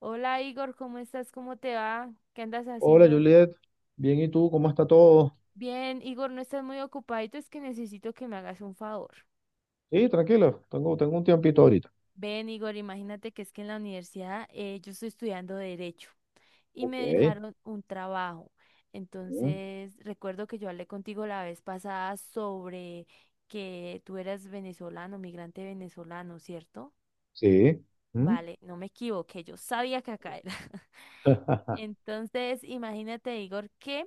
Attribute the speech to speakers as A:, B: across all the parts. A: Hola, Igor, ¿cómo estás? ¿Cómo te va? ¿Qué andas
B: Hola
A: haciendo?
B: Juliet, bien, ¿y tú? ¿Cómo está todo?
A: Bien, Igor, no estás muy ocupadito, es que necesito que me hagas un favor.
B: Sí, tranquilo, tengo un tiempito ahorita.
A: Ven, Igor, imagínate que es que en la universidad yo estoy estudiando derecho y
B: Ok.
A: me dejaron un trabajo.
B: Mm.
A: Entonces, recuerdo que yo hablé contigo la vez pasada sobre que tú eras venezolano, migrante venezolano, ¿cierto?
B: Sí. Mm.
A: Vale, no me equivoqué, yo sabía que acá era. Entonces, imagínate, Igor, que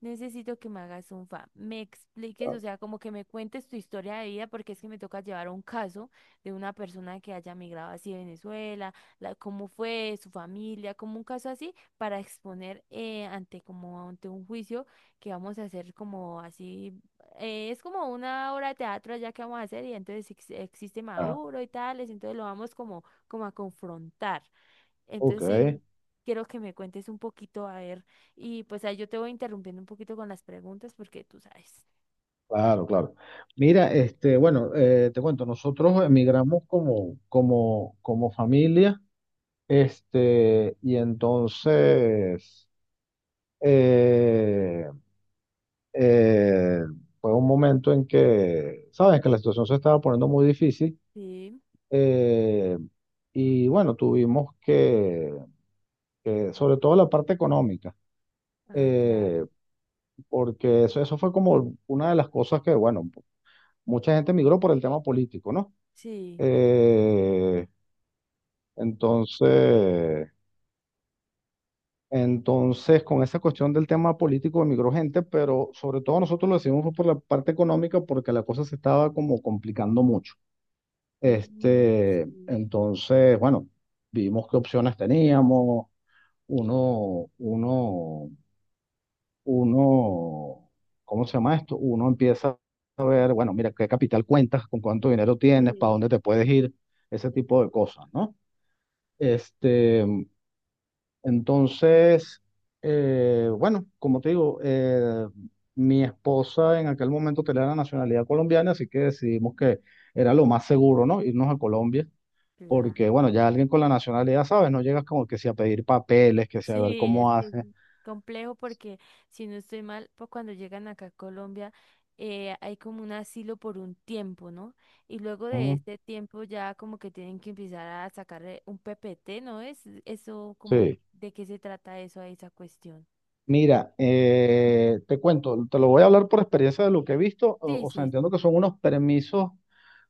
A: necesito que me hagas un fa, me expliques, o sea, como que me cuentes tu historia de vida, porque es que me toca llevar un caso de una persona que haya migrado así de Venezuela, la, cómo fue su familia, como un caso así, para exponer ante como ante un juicio que vamos a hacer como así, es como una obra de teatro ya que vamos a hacer y entonces existe
B: Ah.
A: Maduro y tales, entonces lo vamos como, como a confrontar.
B: Ok.
A: Entonces sí, quiero que me cuentes un poquito, a ver, y pues ahí yo te voy interrumpiendo un poquito con las preguntas porque tú sabes.
B: Claro, claro. Mira, este, bueno, te cuento, nosotros emigramos como familia, este, y entonces eh, eh, fue un momento en que, sabes, que la situación se estaba poniendo muy difícil.
A: Sí,
B: Eh, y bueno, tuvimos sobre todo la parte económica,
A: ah,
B: eh,
A: claro.
B: porque eso fue como una de las cosas que, bueno, mucha gente migró por el tema político, ¿no?
A: Sí.
B: Eh, entonces, entonces, con esa cuestión del tema político emigró gente, pero sobre todo nosotros lo decimos fue por la parte económica, porque la cosa se estaba como complicando mucho.
A: Mm,
B: Este,
A: sí,
B: entonces, bueno, vimos qué opciones teníamos, uno, uno, uno, ¿cómo se llama esto? Uno empieza a ver, bueno, mira, qué capital cuentas, con cuánto dinero tienes, para
A: sí,
B: dónde te puedes ir, ese tipo de cosas, ¿no? Este, entonces, bueno, como te digo, mi esposa en aquel momento tenía la nacionalidad colombiana, así que decidimos que era lo más seguro, ¿no? Irnos a Colombia. Porque,
A: claro.
B: bueno, ya alguien con la nacionalidad, ¿sabes? No llegas como que si a pedir papeles, que si a ver
A: Sí, es
B: cómo
A: que es
B: hace.
A: complejo porque si no estoy mal, pues cuando llegan acá a Colombia hay como un asilo por un tiempo, ¿no? Y luego de
B: Mm.
A: este tiempo ya como que tienen que empezar a sacarle un PPT, ¿no es? Eso como,
B: Sí.
A: ¿de qué se trata eso a esa cuestión?
B: Mira, te cuento, te lo voy a hablar por experiencia de lo que he visto,
A: Sí,
B: o sea,
A: sí,
B: entiendo
A: sí.
B: que son unos permisos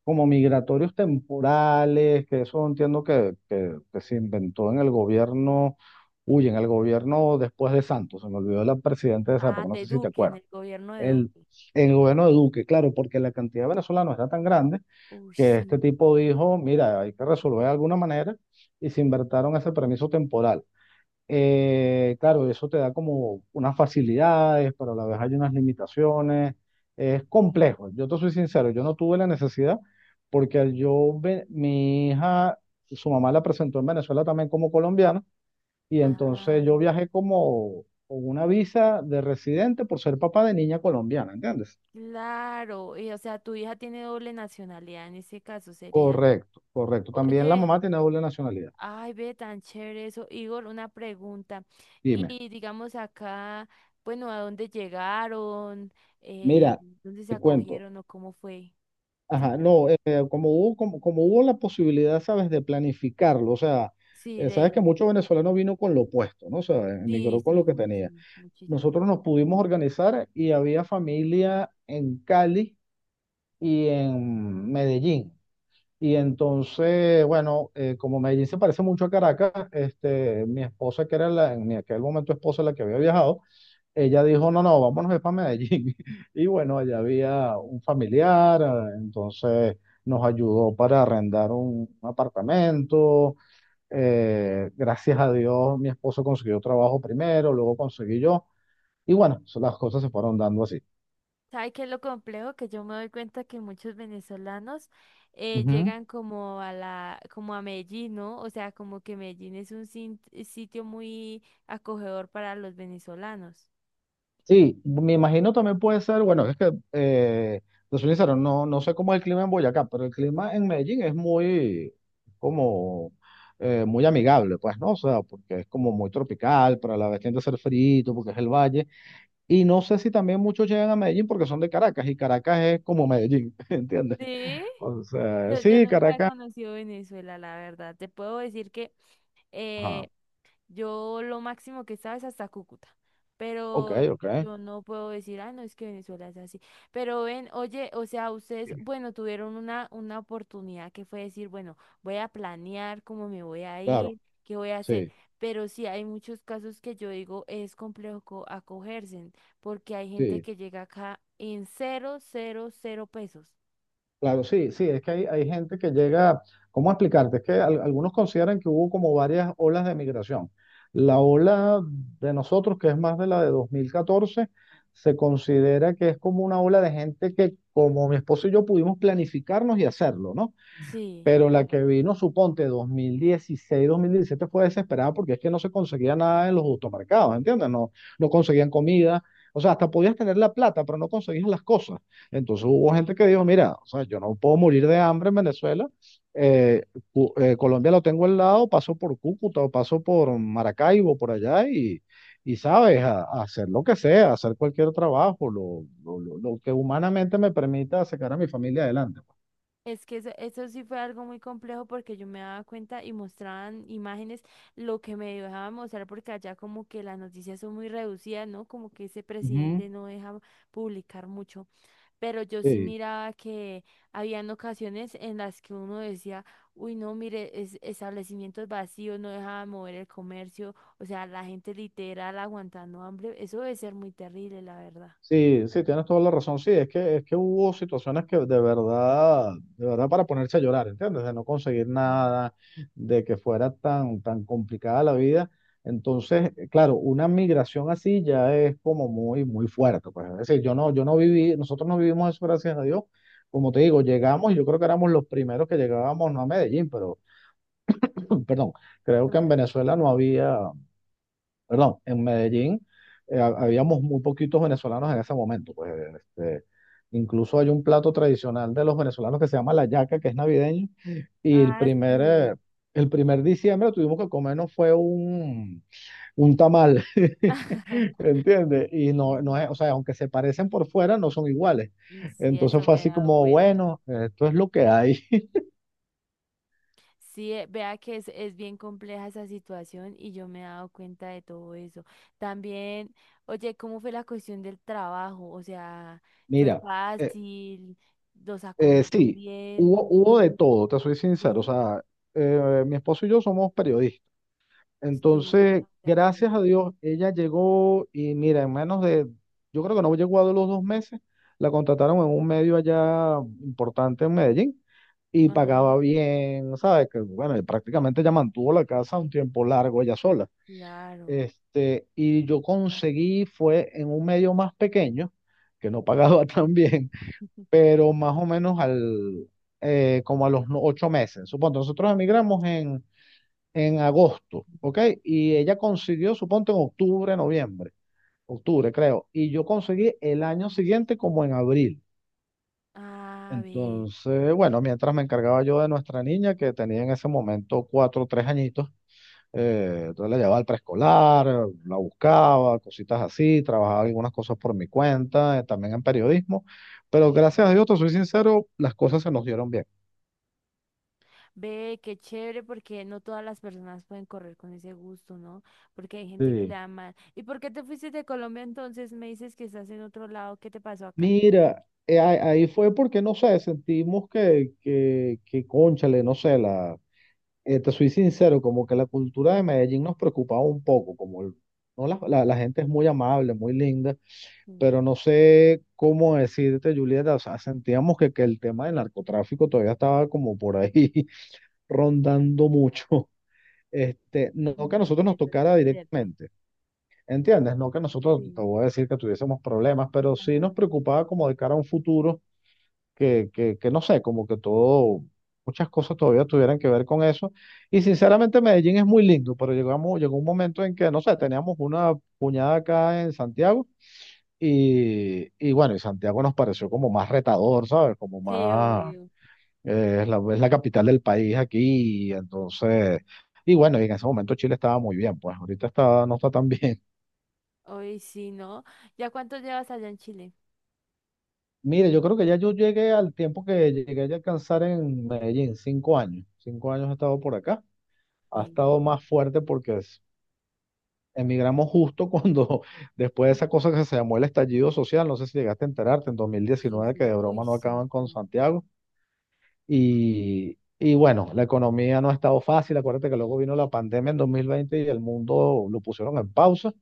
B: como migratorios temporales, que eso entiendo que se inventó en el gobierno, uy, en el gobierno después de Santos, se me olvidó la presidenta de esa época,
A: Ah,
B: no sé
A: de
B: si te
A: Duque, en
B: acuerdas,
A: el gobierno de
B: el,
A: Duque.
B: en el gobierno de Duque, claro, porque la cantidad de venezolanos era tan grande
A: Uy,
B: que este
A: sí.
B: tipo dijo, mira, hay que resolver de alguna manera, y se inventaron ese permiso temporal. Claro, eso te da como unas facilidades, pero a la vez hay unas limitaciones. Es complejo. Yo te soy sincero, yo no tuve la necesidad porque mi hija, su mamá la presentó en Venezuela también como colombiana y
A: Ah,
B: entonces yo viajé como con una visa de residente por ser papá de niña colombiana, ¿entiendes?
A: claro. Y, o sea, tu hija tiene doble nacionalidad en ese caso sería.
B: Correcto, correcto. También la
A: Oye,
B: mamá tiene doble nacionalidad.
A: ay, ve tan chévere eso. Igor, una pregunta.
B: Dime,
A: Y digamos acá, bueno, ¿a dónde llegaron? Eh,
B: mira,
A: ¿Dónde se
B: te cuento.
A: acogieron o cómo fue?
B: Ajá,
A: Sí,
B: no, como hubo la posibilidad, ¿sabes?, de planificarlo, o sea,
A: sí,
B: sabes que
A: de,
B: muchos venezolanos vino con lo opuesto, ¿no? O sea,
A: sí,
B: emigró con
A: sí,
B: lo que
A: uy,
B: tenía.
A: sí, muchísimo.
B: Nosotros nos pudimos organizar y había familia en Cali y en Medellín. Y entonces, bueno, como Medellín se parece mucho a Caracas, este, mi esposa, que era la, en aquel momento esposa la que había viajado, ella dijo, no, no, vámonos es para Medellín. Y bueno, allá había un familiar, entonces nos ayudó para arrendar un apartamento. Gracias a Dios, mi esposo consiguió trabajo primero, luego conseguí yo. Y bueno, las cosas se fueron dando así.
A: ¿Sabe qué es lo complejo? Que yo me doy cuenta que muchos venezolanos llegan como a la, como a Medellín, ¿no? O sea, como que Medellín es un sitio muy acogedor para los venezolanos.
B: Sí, me imagino, también puede ser, bueno, es que, te soy sincero, no sé cómo es el clima en Boyacá, pero el clima en Medellín es muy, como, muy amigable, pues, ¿no? O sea, porque es como muy tropical, pero a la vez tiende a ser frito, porque es el valle. Y no sé si también muchos llegan a Medellín porque son de Caracas, y Caracas es como Medellín, ¿entiendes?
A: Sí.
B: O sea,
A: Yo
B: sí,
A: nunca he
B: Caracas,
A: conocido Venezuela, la verdad. Te puedo decir que
B: ajá,
A: eh, yo lo máximo que estaba es hasta Cúcuta,
B: ok,
A: pero
B: ok,
A: yo no puedo decir, ah, no, es que Venezuela es así. Pero ven, oye, o sea, ustedes, bueno, tuvieron una oportunidad que fue decir, bueno, voy a planear cómo me voy a
B: claro,
A: ir, qué voy a hacer.
B: sí,
A: Pero sí hay muchos casos que yo digo es complejo acogerse, porque hay gente
B: sí.
A: que llega acá en cero, cero, cero pesos.
B: Claro, sí, sí, es que hay gente que llega, ¿cómo explicarte? Es que algunos consideran que hubo como varias olas de migración. La ola de nosotros, que es más de la de 2014, se considera que es como una ola de gente que como mi esposo y yo pudimos planificarnos y hacerlo, ¿no?
A: Sí.
B: Pero la que vino, suponte, 2016, 2017, fue desesperada porque es que no se conseguía nada en los automercados, ¿entiendes? No, no conseguían comida. O sea, hasta podías tener la plata, pero no conseguías las cosas. Entonces hubo gente que dijo, mira, o sea, yo no puedo morir de hambre en Venezuela. eh, Colombia lo tengo al lado, paso por Cúcuta o paso por Maracaibo, por allá, y sabes, a hacer lo que sea, hacer cualquier trabajo, lo que humanamente me permita sacar a mi familia adelante, pues.
A: Es que eso sí fue algo muy complejo porque yo me daba cuenta y mostraban imágenes lo que me dejaban mostrar porque allá como que las noticias son muy reducidas, ¿no? Como que ese
B: Ujú.
A: presidente no deja publicar mucho. Pero yo sí
B: Sí.
A: miraba que habían ocasiones en las que uno decía, uy, no, mire, es, establecimientos vacíos, no dejaban mover el comercio, o sea, la gente literal aguantando hambre. Eso debe ser muy terrible, la verdad.
B: Sí, sí, tienes toda la razón. Sí, es que hubo situaciones que de verdad para ponerse a llorar, ¿entiendes? De no conseguir
A: Mm,
B: nada, de que fuera tan, tan complicada la vida. Entonces, claro, una migración así ya es como muy, muy fuerte, pues. Es decir, yo no, yo no viví, nosotros no vivimos eso, gracias a Dios. Como te digo, llegamos, y yo creo que éramos los primeros que llegábamos, no a Medellín, pero, perdón, creo
A: no,
B: que en
A: tranqui-
B: Venezuela no había, perdón, en Medellín habíamos muy poquitos venezolanos en ese momento, pues. Este, incluso hay un plato tradicional de los venezolanos que se llama la yaca, que es navideño, y
A: Ah, sí.
B: el primer diciembre tuvimos que comernos fue un, tamal, ¿entiendes? Y no, no es,
A: Mm.
B: o sea, aunque se parecen por fuera, no son iguales.
A: Mm, sí,
B: Entonces
A: eso
B: fue
A: me he
B: así
A: dado
B: como,
A: cuenta.
B: bueno, esto es lo que hay.
A: Sí, vea que es bien compleja esa situación y yo me he dado cuenta de todo eso. También, oye, ¿cómo fue la cuestión del trabajo? O sea, ¿fue
B: Mira, eh,
A: fácil? ¿Los acogieron
B: sí,
A: bien?
B: hubo de todo, te soy sincero. O
A: Sí,
B: sea, mi esposo y yo somos periodistas.
A: sí,
B: Entonces,
A: tan
B: gracias
A: chévere.
B: a Dios, ella llegó y mira, en menos de, yo creo que no llegó a los 2 meses, la contrataron en un medio allá importante en Medellín y
A: Ajá,
B: pagaba bien, ¿sabes? Que bueno, y prácticamente ella mantuvo la casa un tiempo largo ella sola.
A: claro.
B: Este, y yo conseguí, fue en un medio más pequeño, que no pagaba tan bien, pero más o menos como a los 8 meses. Supongo, nosotros emigramos en agosto, ¿ok? Y ella consiguió, suponte, en octubre, noviembre, octubre creo, y yo conseguí el año siguiente como en abril.
A: Ah, ve.
B: Entonces, bueno, mientras me encargaba yo de nuestra niña, que tenía en ese momento 4 o 3 añitos, entonces la llevaba al preescolar, la buscaba, cositas así, trabajaba algunas cosas por mi cuenta, también en periodismo, pero gracias a Dios, te soy sincero, las cosas se nos dieron bien.
A: Ve, qué chévere, porque no todas las personas pueden correr con ese gusto, ¿no? Porque hay gente que le
B: Sí.
A: da mal. ¿Y por qué te fuiste de Colombia entonces? Me dices que estás en otro lado. ¿Qué te pasó acá?
B: Mira, ahí fue porque, no sé, sentimos que cónchale, no sé, te soy sincero, como que la cultura de Medellín nos preocupaba un poco, como no la, la gente es muy amable, muy linda,
A: Sí,
B: pero no sé cómo decirte, Julieta, o sea, sentíamos que el tema del narcotráfico todavía estaba como por ahí rondando mucho. Este, no que a
A: ujú,
B: nosotros
A: sí,
B: nos
A: eso sí
B: tocara
A: es cierto.
B: directamente. ¿Entiendes? No que nosotros, te
A: Sí.
B: voy a decir que tuviésemos problemas, pero sí
A: Ajá.
B: nos preocupaba como de cara a un futuro que, no sé, como que todo, muchas cosas todavía tuvieran que ver con eso. Y sinceramente Medellín es muy lindo, pero llegamos, llegó un momento en que, no sé, teníamos una puñada acá en Santiago y bueno, y Santiago nos pareció como más retador, ¿sabes? Como
A: Sí,
B: más,
A: obvio.
B: es la capital del país aquí, y entonces. Y bueno, y en ese momento Chile estaba muy bien, pues ahorita está, no está tan bien.
A: Hoy sí, ¿no? ¿Ya cuánto llevas allá en Chile?
B: Mire, yo creo que ya yo llegué al tiempo que llegué a alcanzar en Medellín, 5 años. 5 años he estado por acá. Ha estado
A: Sí.
B: más fuerte porque emigramos justo cuando, después de
A: Ah,
B: esa cosa que se llamó el estallido social, no sé si llegaste a enterarte, en dos mil
A: sí, sí,
B: diecinueve que
A: sí.
B: de
A: Uy,
B: broma no
A: sí,
B: acaban con
A: sí.
B: Santiago. Y bueno, la economía no ha estado fácil, acuérdate que luego vino la pandemia en 2020 y el mundo lo pusieron en pausa.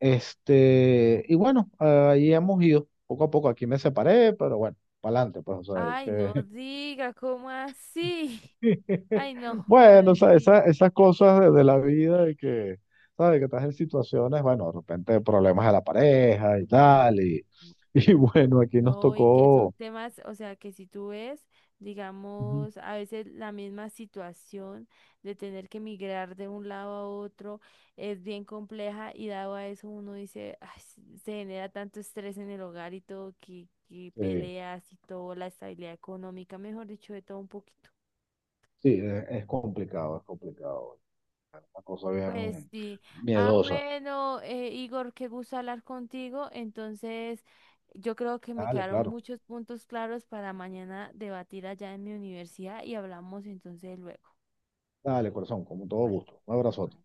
B: Este, y bueno, ahí hemos ido poco a poco, aquí me separé, pero bueno, para adelante, pues, o sea, hay
A: Ay, no
B: que.
A: diga, ¿cómo así? Ay, no, pero
B: Bueno, o
A: en
B: sea,
A: fin.
B: esas cosas de la vida y que, ¿sabes? Que estás en situaciones, bueno, de repente problemas de la pareja y tal, y, y bueno, aquí nos
A: No, y que son
B: tocó.
A: temas, o sea, que si tú ves,
B: Ujú.
A: digamos, a veces la misma situación de tener que migrar de un lado a otro es bien compleja y dado a eso uno dice, "Ay, se genera tanto estrés en el hogar y todo, que
B: eh,
A: peleas y todo, la estabilidad económica, mejor dicho, de todo un poquito.
B: sí, es complicado, es complicado, una cosa
A: Pues
B: bien
A: sí. Ah,
B: miedosa.
A: bueno, Igor, qué gusto hablar contigo. Entonces, yo creo que me
B: Dale,
A: quedaron
B: claro,
A: muchos puntos claros para mañana debatir allá en mi universidad y hablamos entonces luego.
B: dale, corazón, con todo
A: Vale.
B: gusto, un abrazo.
A: Igual.